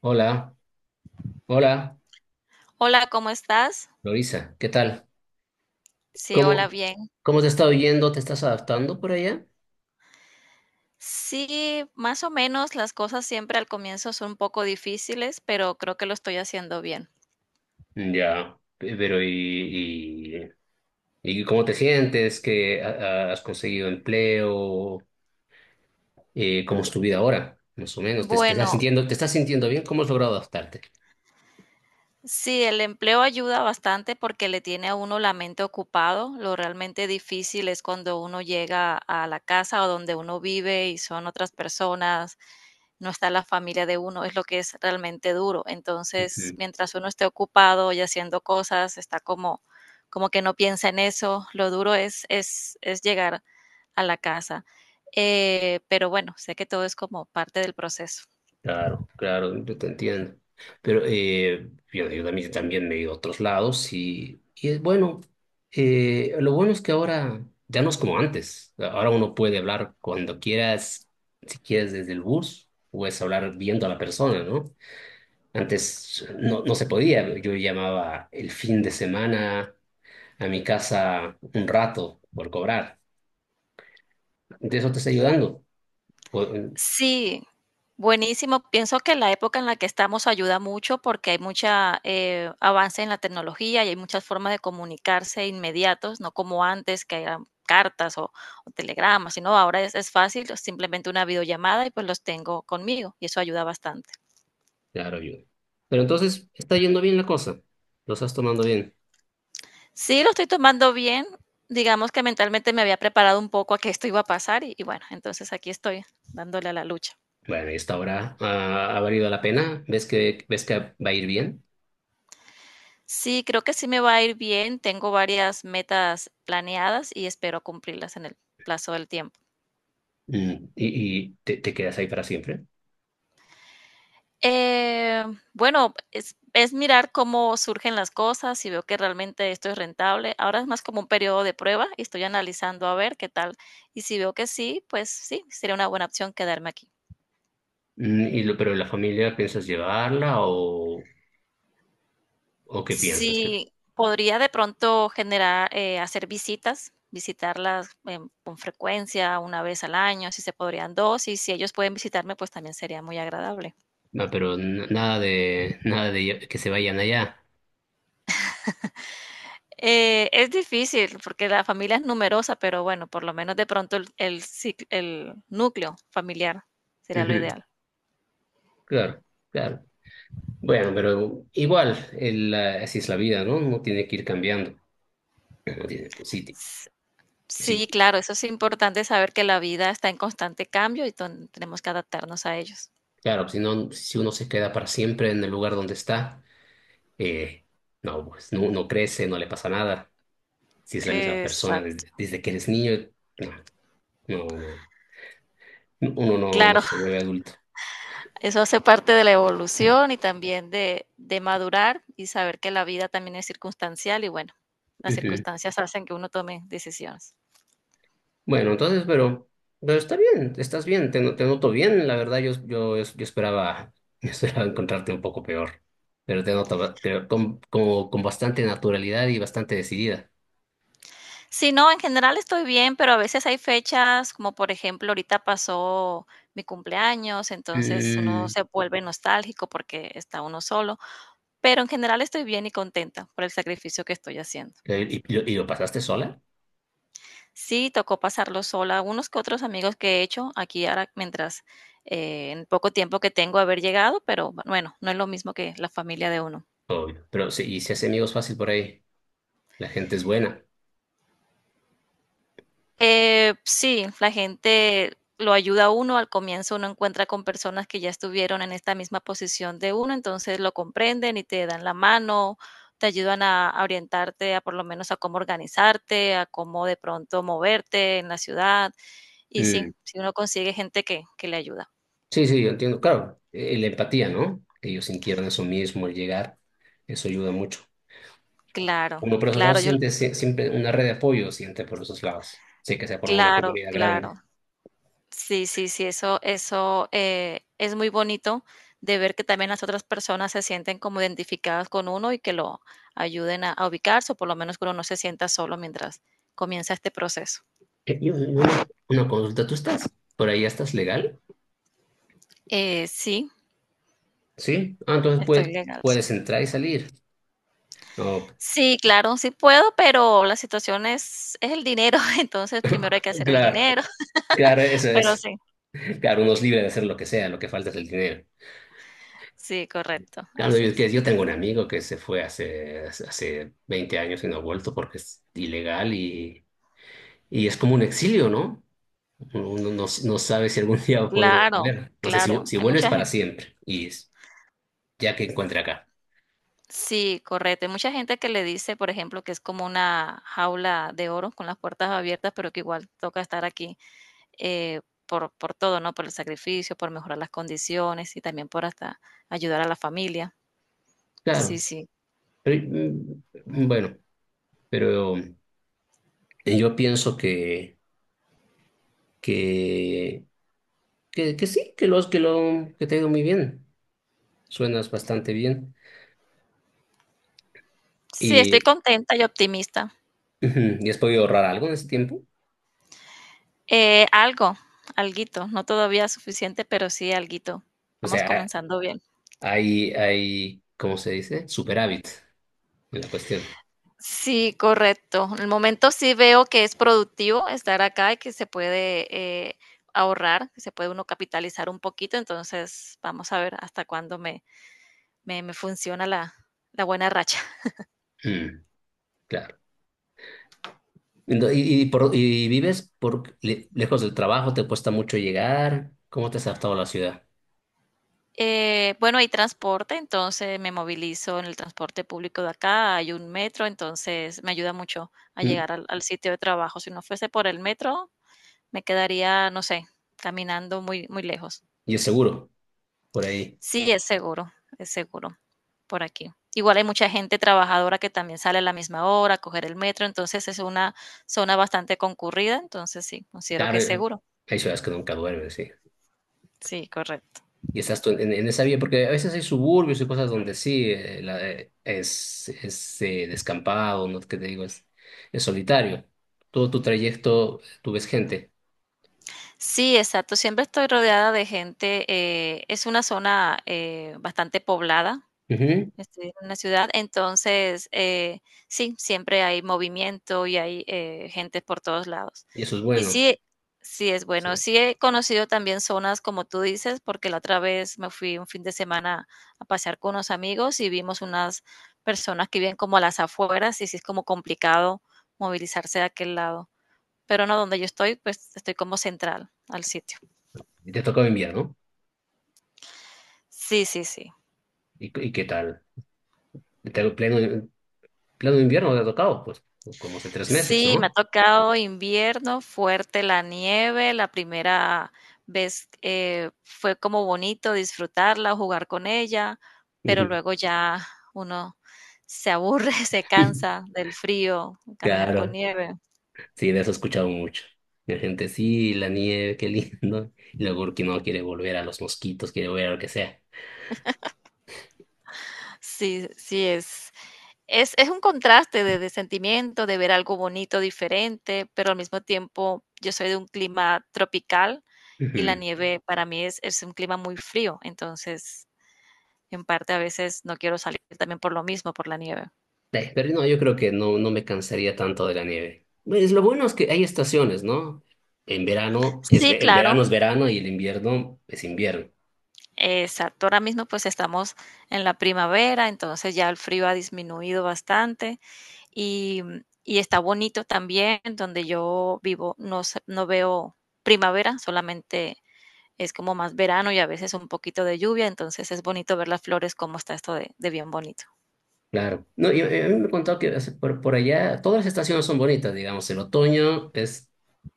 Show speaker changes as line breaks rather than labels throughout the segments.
Hola, hola,
Hola, ¿cómo estás?
Lorisa, ¿qué tal?
Sí, hola,
¿Cómo,
bien.
cómo te está oyendo? ¿Te estás adaptando por allá?
Sí, más o menos las cosas siempre al comienzo son un poco difíciles, pero creo que lo estoy haciendo bien.
Ya, pero ¿y cómo te sientes? ¿Que has conseguido empleo? ¿Cómo es tu vida ahora? Más o menos, ¿te estás
Bueno,
sintiendo, te estás sintiendo bien? ¿Cómo has logrado adaptarte?
sí, el empleo ayuda bastante porque le tiene a uno la mente ocupado. Lo realmente difícil es cuando uno llega a la casa o donde uno vive y son otras personas, no está la familia de uno, es lo que es realmente duro. Entonces, mientras uno esté ocupado y haciendo cosas, está como, como que no piensa en eso. Lo duro es llegar a la casa. Pero bueno, sé que todo es como parte del proceso.
Claro, claro, yo te entiendo. Pero yo también, también me he ido a otros lados y es bueno, lo bueno es que ahora ya no es como antes. Ahora uno puede hablar cuando quieras, si quieres desde el bus, puedes hablar viendo a la persona, ¿no? Antes no, no se podía. Yo llamaba el fin de semana a mi casa un rato por cobrar. De eso te está ayudando. Pu-
Sí, buenísimo. Pienso que la época en la que estamos ayuda mucho porque hay mucha avance en la tecnología y hay muchas formas de comunicarse inmediatos, no como antes que eran cartas o telegramas, sino ahora es fácil, es simplemente una videollamada y pues los tengo conmigo y eso ayuda bastante.
claro, ayuda. Pero entonces está yendo bien la cosa. Lo estás tomando bien.
Sí, lo estoy tomando bien. Digamos que mentalmente me había preparado un poco a que esto iba a pasar y bueno, entonces aquí estoy dándole a la lucha.
Bueno, y esta hora ha valido la pena. Ves que va a ir bien?
Sí, creo que sí me va a ir bien. Tengo varias metas planeadas y espero cumplirlas en el plazo del tiempo.
Mm, ¿y te quedas ahí para siempre?
Eh, bueno, es mirar cómo surgen las cosas, si veo que realmente esto es rentable. Ahora es más como un periodo de prueba y estoy analizando a ver qué tal. Y si veo que sí, pues sí, sería una buena opción quedarme aquí.
Mm, y lo, pero la familia, ¿piensas llevarla o qué piensas? Que,
Sí, podría de pronto generar, hacer visitas, visitarlas con frecuencia, una vez al año, si se podrían dos, y si ellos pueden visitarme, pues también sería muy agradable.
no, pero nada de, nada de que se vayan allá.
Es difícil porque la familia es numerosa, pero bueno, por lo menos de pronto el núcleo familiar sería lo
Ujú.
ideal.
Claro, claro. Bueno, pero igual, así es la vida, ¿no? Uno tiene que ir cambiando. Uno tiene, sí,
S- Sí,
sí,
claro, eso es importante saber que la vida está en constante cambio y tenemos que adaptarnos a ellos.
claro, si no, si uno se queda para siempre en el lugar donde está, eh, no, pues no, no crece, no le pasa nada. Si es la misma persona
Exacto,
desde, desde que eres niño, no, no, no, uno no, no
claro.
se vuelve adulto.
Eso hace parte de la
Mm.
evolución y también de madurar y saber que la vida también es circunstancial y bueno, las
Ujú.
circunstancias hacen que uno tome decisiones.
Bueno, entonces, pero está bien, estás bien, te, no- te noto bien, la verdad, yo esperaba, yo esperaba encontrarte un poco peor, pero te noto creo, con, como, con bastante naturalidad y bastante decidida.
Sí, no, en general estoy bien, pero a veces hay fechas, como por ejemplo, ahorita pasó mi cumpleaños, entonces uno
Mm.
se vuelve nostálgico porque está uno solo, pero en general estoy bien y contenta por el sacrificio que estoy haciendo.
¿Y lo pasaste sola?
Sí, tocó pasarlo sola. Unos que otros amigos que he hecho aquí ahora mientras en poco tiempo que tengo haber llegado, pero bueno, no es lo mismo que la familia de uno.
Obvio, pero sí, y se hace amigos fácil por ahí, la gente es buena.
Sí, la gente lo ayuda a uno. Al comienzo uno encuentra con personas que ya estuvieron en esta misma posición de uno, entonces lo comprenden y te dan la mano, te ayudan a orientarte a por lo menos a cómo organizarte, a cómo de pronto moverte en la ciudad. Y sí,
Mm.
si uno consigue gente que le ayuda.
Sí, sí, yo entiendo. Claro, la empatía, ¿no? Que ellos sintieron eso mismo al llegar, eso ayuda mucho.
Claro,
Uno por esos lados
claro. Yo.
siente siempre una red de apoyo, siente por esos lados. Sé que se forma una
Claro,
comunidad
claro.
grande.
Sí, sí, sí, eso es muy bonito de ver que también las otras personas se sienten como identificadas con uno y que lo ayuden a ubicarse, o por lo menos que uno no se sienta solo mientras comienza este proceso.
Y una consulta, ¿tú estás por ahí, estás legal?
Sí,
Sí. Ah, entonces
estoy legal, sí.
puedes entrar y salir. No,
Sí, claro, sí puedo, pero la situación es el dinero, entonces primero hay que hacer el
claro,
dinero,
claro, eso
pero
es.
sí,
Claro, uno es libre de hacer lo que sea, lo que falta es el dinero.
sí, correcto,
Claro,
así
yo,
es.
yo tengo un amigo que se fue hace, hace 20 años y no ha vuelto porque es ilegal. Y es como un exilio, ¿no? Uno no, no sabe si algún día podré
Claro,
volver. No sé si,
claro,
si
hay
vuelves
mucha
para
gente.
siempre y es, ya que encuentre acá.
Sí, correcto. Hay mucha gente que le dice, por ejemplo, que es como una jaula de oro con las puertas abiertas, pero que igual toca estar aquí eh, por todo, ¿no? Por el sacrificio, por mejorar las condiciones y también por hasta ayudar a la familia. Sí,
Claro.
sí.
Pero, mm, bueno, pero yo pienso que, que sí, que, los, que, lo, que te ha ido muy bien. Suenas bastante bien.
Sí,
Y,
estoy contenta y optimista.
ujú, ¿y has podido ahorrar algo en ese tiempo?
Eh, algo, Alguito, no todavía suficiente, pero sí alguito.
O
Vamos
sea,
comenzando bien.
hay, ¿cómo se dice? Superávit en la cuestión.
Sí, correcto. En el momento sí veo que es productivo estar acá y que se puede eh, ahorrar, que se puede uno capitalizar un poquito. Entonces, vamos a ver hasta cuándo me funciona la buena racha.
Mm, claro. Y y vives por lejos del trabajo, te cuesta mucho llegar. ¿Cómo te has adaptado a la ciudad?
Bueno, hay transporte, entonces me movilizo en el transporte público de acá, hay un metro, entonces me ayuda mucho a
Mm,
llegar al sitio de trabajo. Si no fuese por el metro, me quedaría, no sé, caminando muy lejos.
¿y es seguro por ahí?
Sí, es seguro por aquí. Igual hay mucha gente trabajadora que también sale a la misma hora a coger el metro, entonces es una zona bastante concurrida, entonces sí, considero
Claro,
que es seguro.
hay ciudades que nunca duermen, sí.
Sí, correcto.
Y estás tú en esa vía, porque a veces hay suburbios y cosas donde sí, es descampado, no que te digo, es solitario. Todo tu trayecto, tú ves gente.
Sí, exacto. Siempre estoy rodeada de gente. Es una zona bastante poblada.
Ujú.
Estoy en una ciudad, entonces, sí, siempre hay movimiento y hay gente por todos lados.
Y eso es
Y
bueno.
sí, sí es bueno.
Sí.
Sí he conocido también zonas como tú dices, porque la otra vez me fui un fin de semana a pasear con unos amigos y vimos unas personas que viven como a las afueras y sí es como complicado movilizarse de aquel lado. Pero no, donde yo estoy, pues estoy como central al sitio.
Y te tocó enviar, ¿no?
Sí, sí, sí.
Y qué tal? ¿Te, pleno, pleno invierno te ha tocado, pues, como hace tres meses,
Sí, me ha
¿no?
tocado invierno, fuerte la nieve. La primera vez fue como bonito disfrutarla, jugar con ella, pero
Ujú.
luego ya uno se aburre, se cansa del frío, caminar con
Claro,
nieve.
sí, de eso he escuchado mucho. La gente, sí, la nieve, qué lindo. Y luego que no quiere volver a los mosquitos, quiere volver a lo que sea.
Sí, sí, es un contraste de sentimiento, de ver algo bonito, diferente, pero al mismo tiempo yo soy de un clima tropical y la
Ujú.
nieve para mí es un clima muy frío, entonces en parte a veces no quiero salir también por lo mismo, por la nieve.
Pero no, yo creo que no, no me cansaría tanto de la nieve. Pues lo bueno es que hay estaciones, ¿no? En verano, es,
Sí,
el verano
claro,
es verano y el invierno es invierno.
exacto. Ahora mismo pues estamos en la primavera, entonces ya el frío ha disminuido bastante y, y está bonito también donde yo vivo, no, no veo primavera, solamente es como más verano y a veces un poquito de lluvia, entonces es bonito ver las flores, cómo está esto de bien bonito.
Claro. No, y a mí me han contado que hace por allá todas las estaciones son bonitas, digamos. El otoño es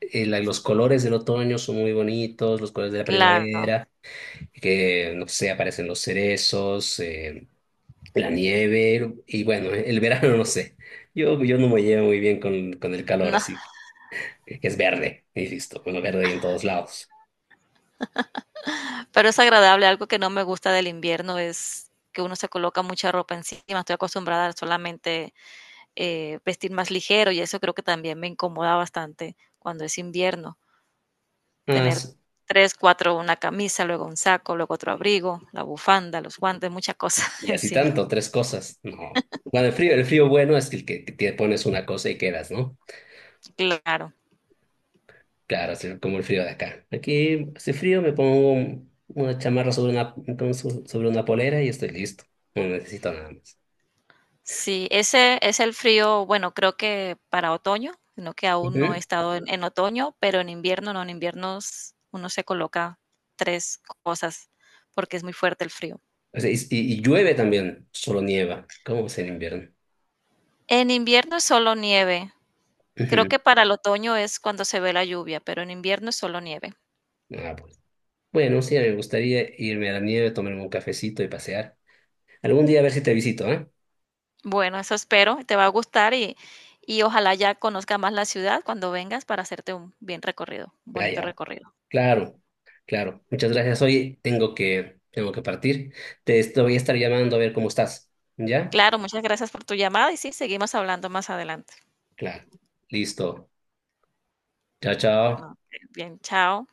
la- los colores del otoño son muy bonitos, los colores de la
Claro.
primavera, que no sé, aparecen los cerezos, la nieve, y bueno, el verano no sé. Yo no me llevo muy bien con el calor,
No,
así que es verde, y listo, bueno, verde ahí en todos lados.
pero es agradable, algo que no me gusta del invierno es que uno se coloca mucha ropa encima, estoy acostumbrada a solamente vestir más ligero y eso creo que también me incomoda bastante cuando es invierno,
Ah,
tener
sí.
tres, cuatro, una camisa, luego un saco, luego otro abrigo, la bufanda, los guantes, muchas cosas
Y así
encima.
tanto, tres cosas, no. Bueno, el frío bueno es el que te pones una cosa y quedas, ¿no?
Claro.
Claro, hace como el frío de acá. Aquí hace frío, me pongo una chamarra sobre una, como sobre una polera y estoy listo. No necesito nada más.
Sí, ese es el frío, bueno, creo que para otoño, sino que aún no he
Ujú.
estado en otoño, pero en invierno no, en invierno uno se coloca tres cosas porque es muy fuerte el frío.
O sea, y, y llueve también, solo nieva. ¿Cómo es el invierno?
En invierno es solo nieve. Creo que para el otoño es cuando se ve la lluvia, pero en invierno es solo nieve.
Ujú. Ah, pues. Bueno, sí, me gustaría irme a la nieve, tomarme un cafecito y pasear. Algún día a ver si te visito, ¿eh?
Bueno, eso espero, te va a gustar y ojalá ya conozca más la ciudad cuando vengas para hacerte un bien recorrido, un
Ah,
bonito
ya.
recorrido.
Claro, claro. Muchas gracias. Oye, tengo que partir. Te estoy, voy a estar llamando a ver cómo estás. ¿Ya?
Claro, muchas gracias por tu llamada y sí, seguimos hablando más adelante.
Claro. Listo. Chao, chao.
No, bien, chao.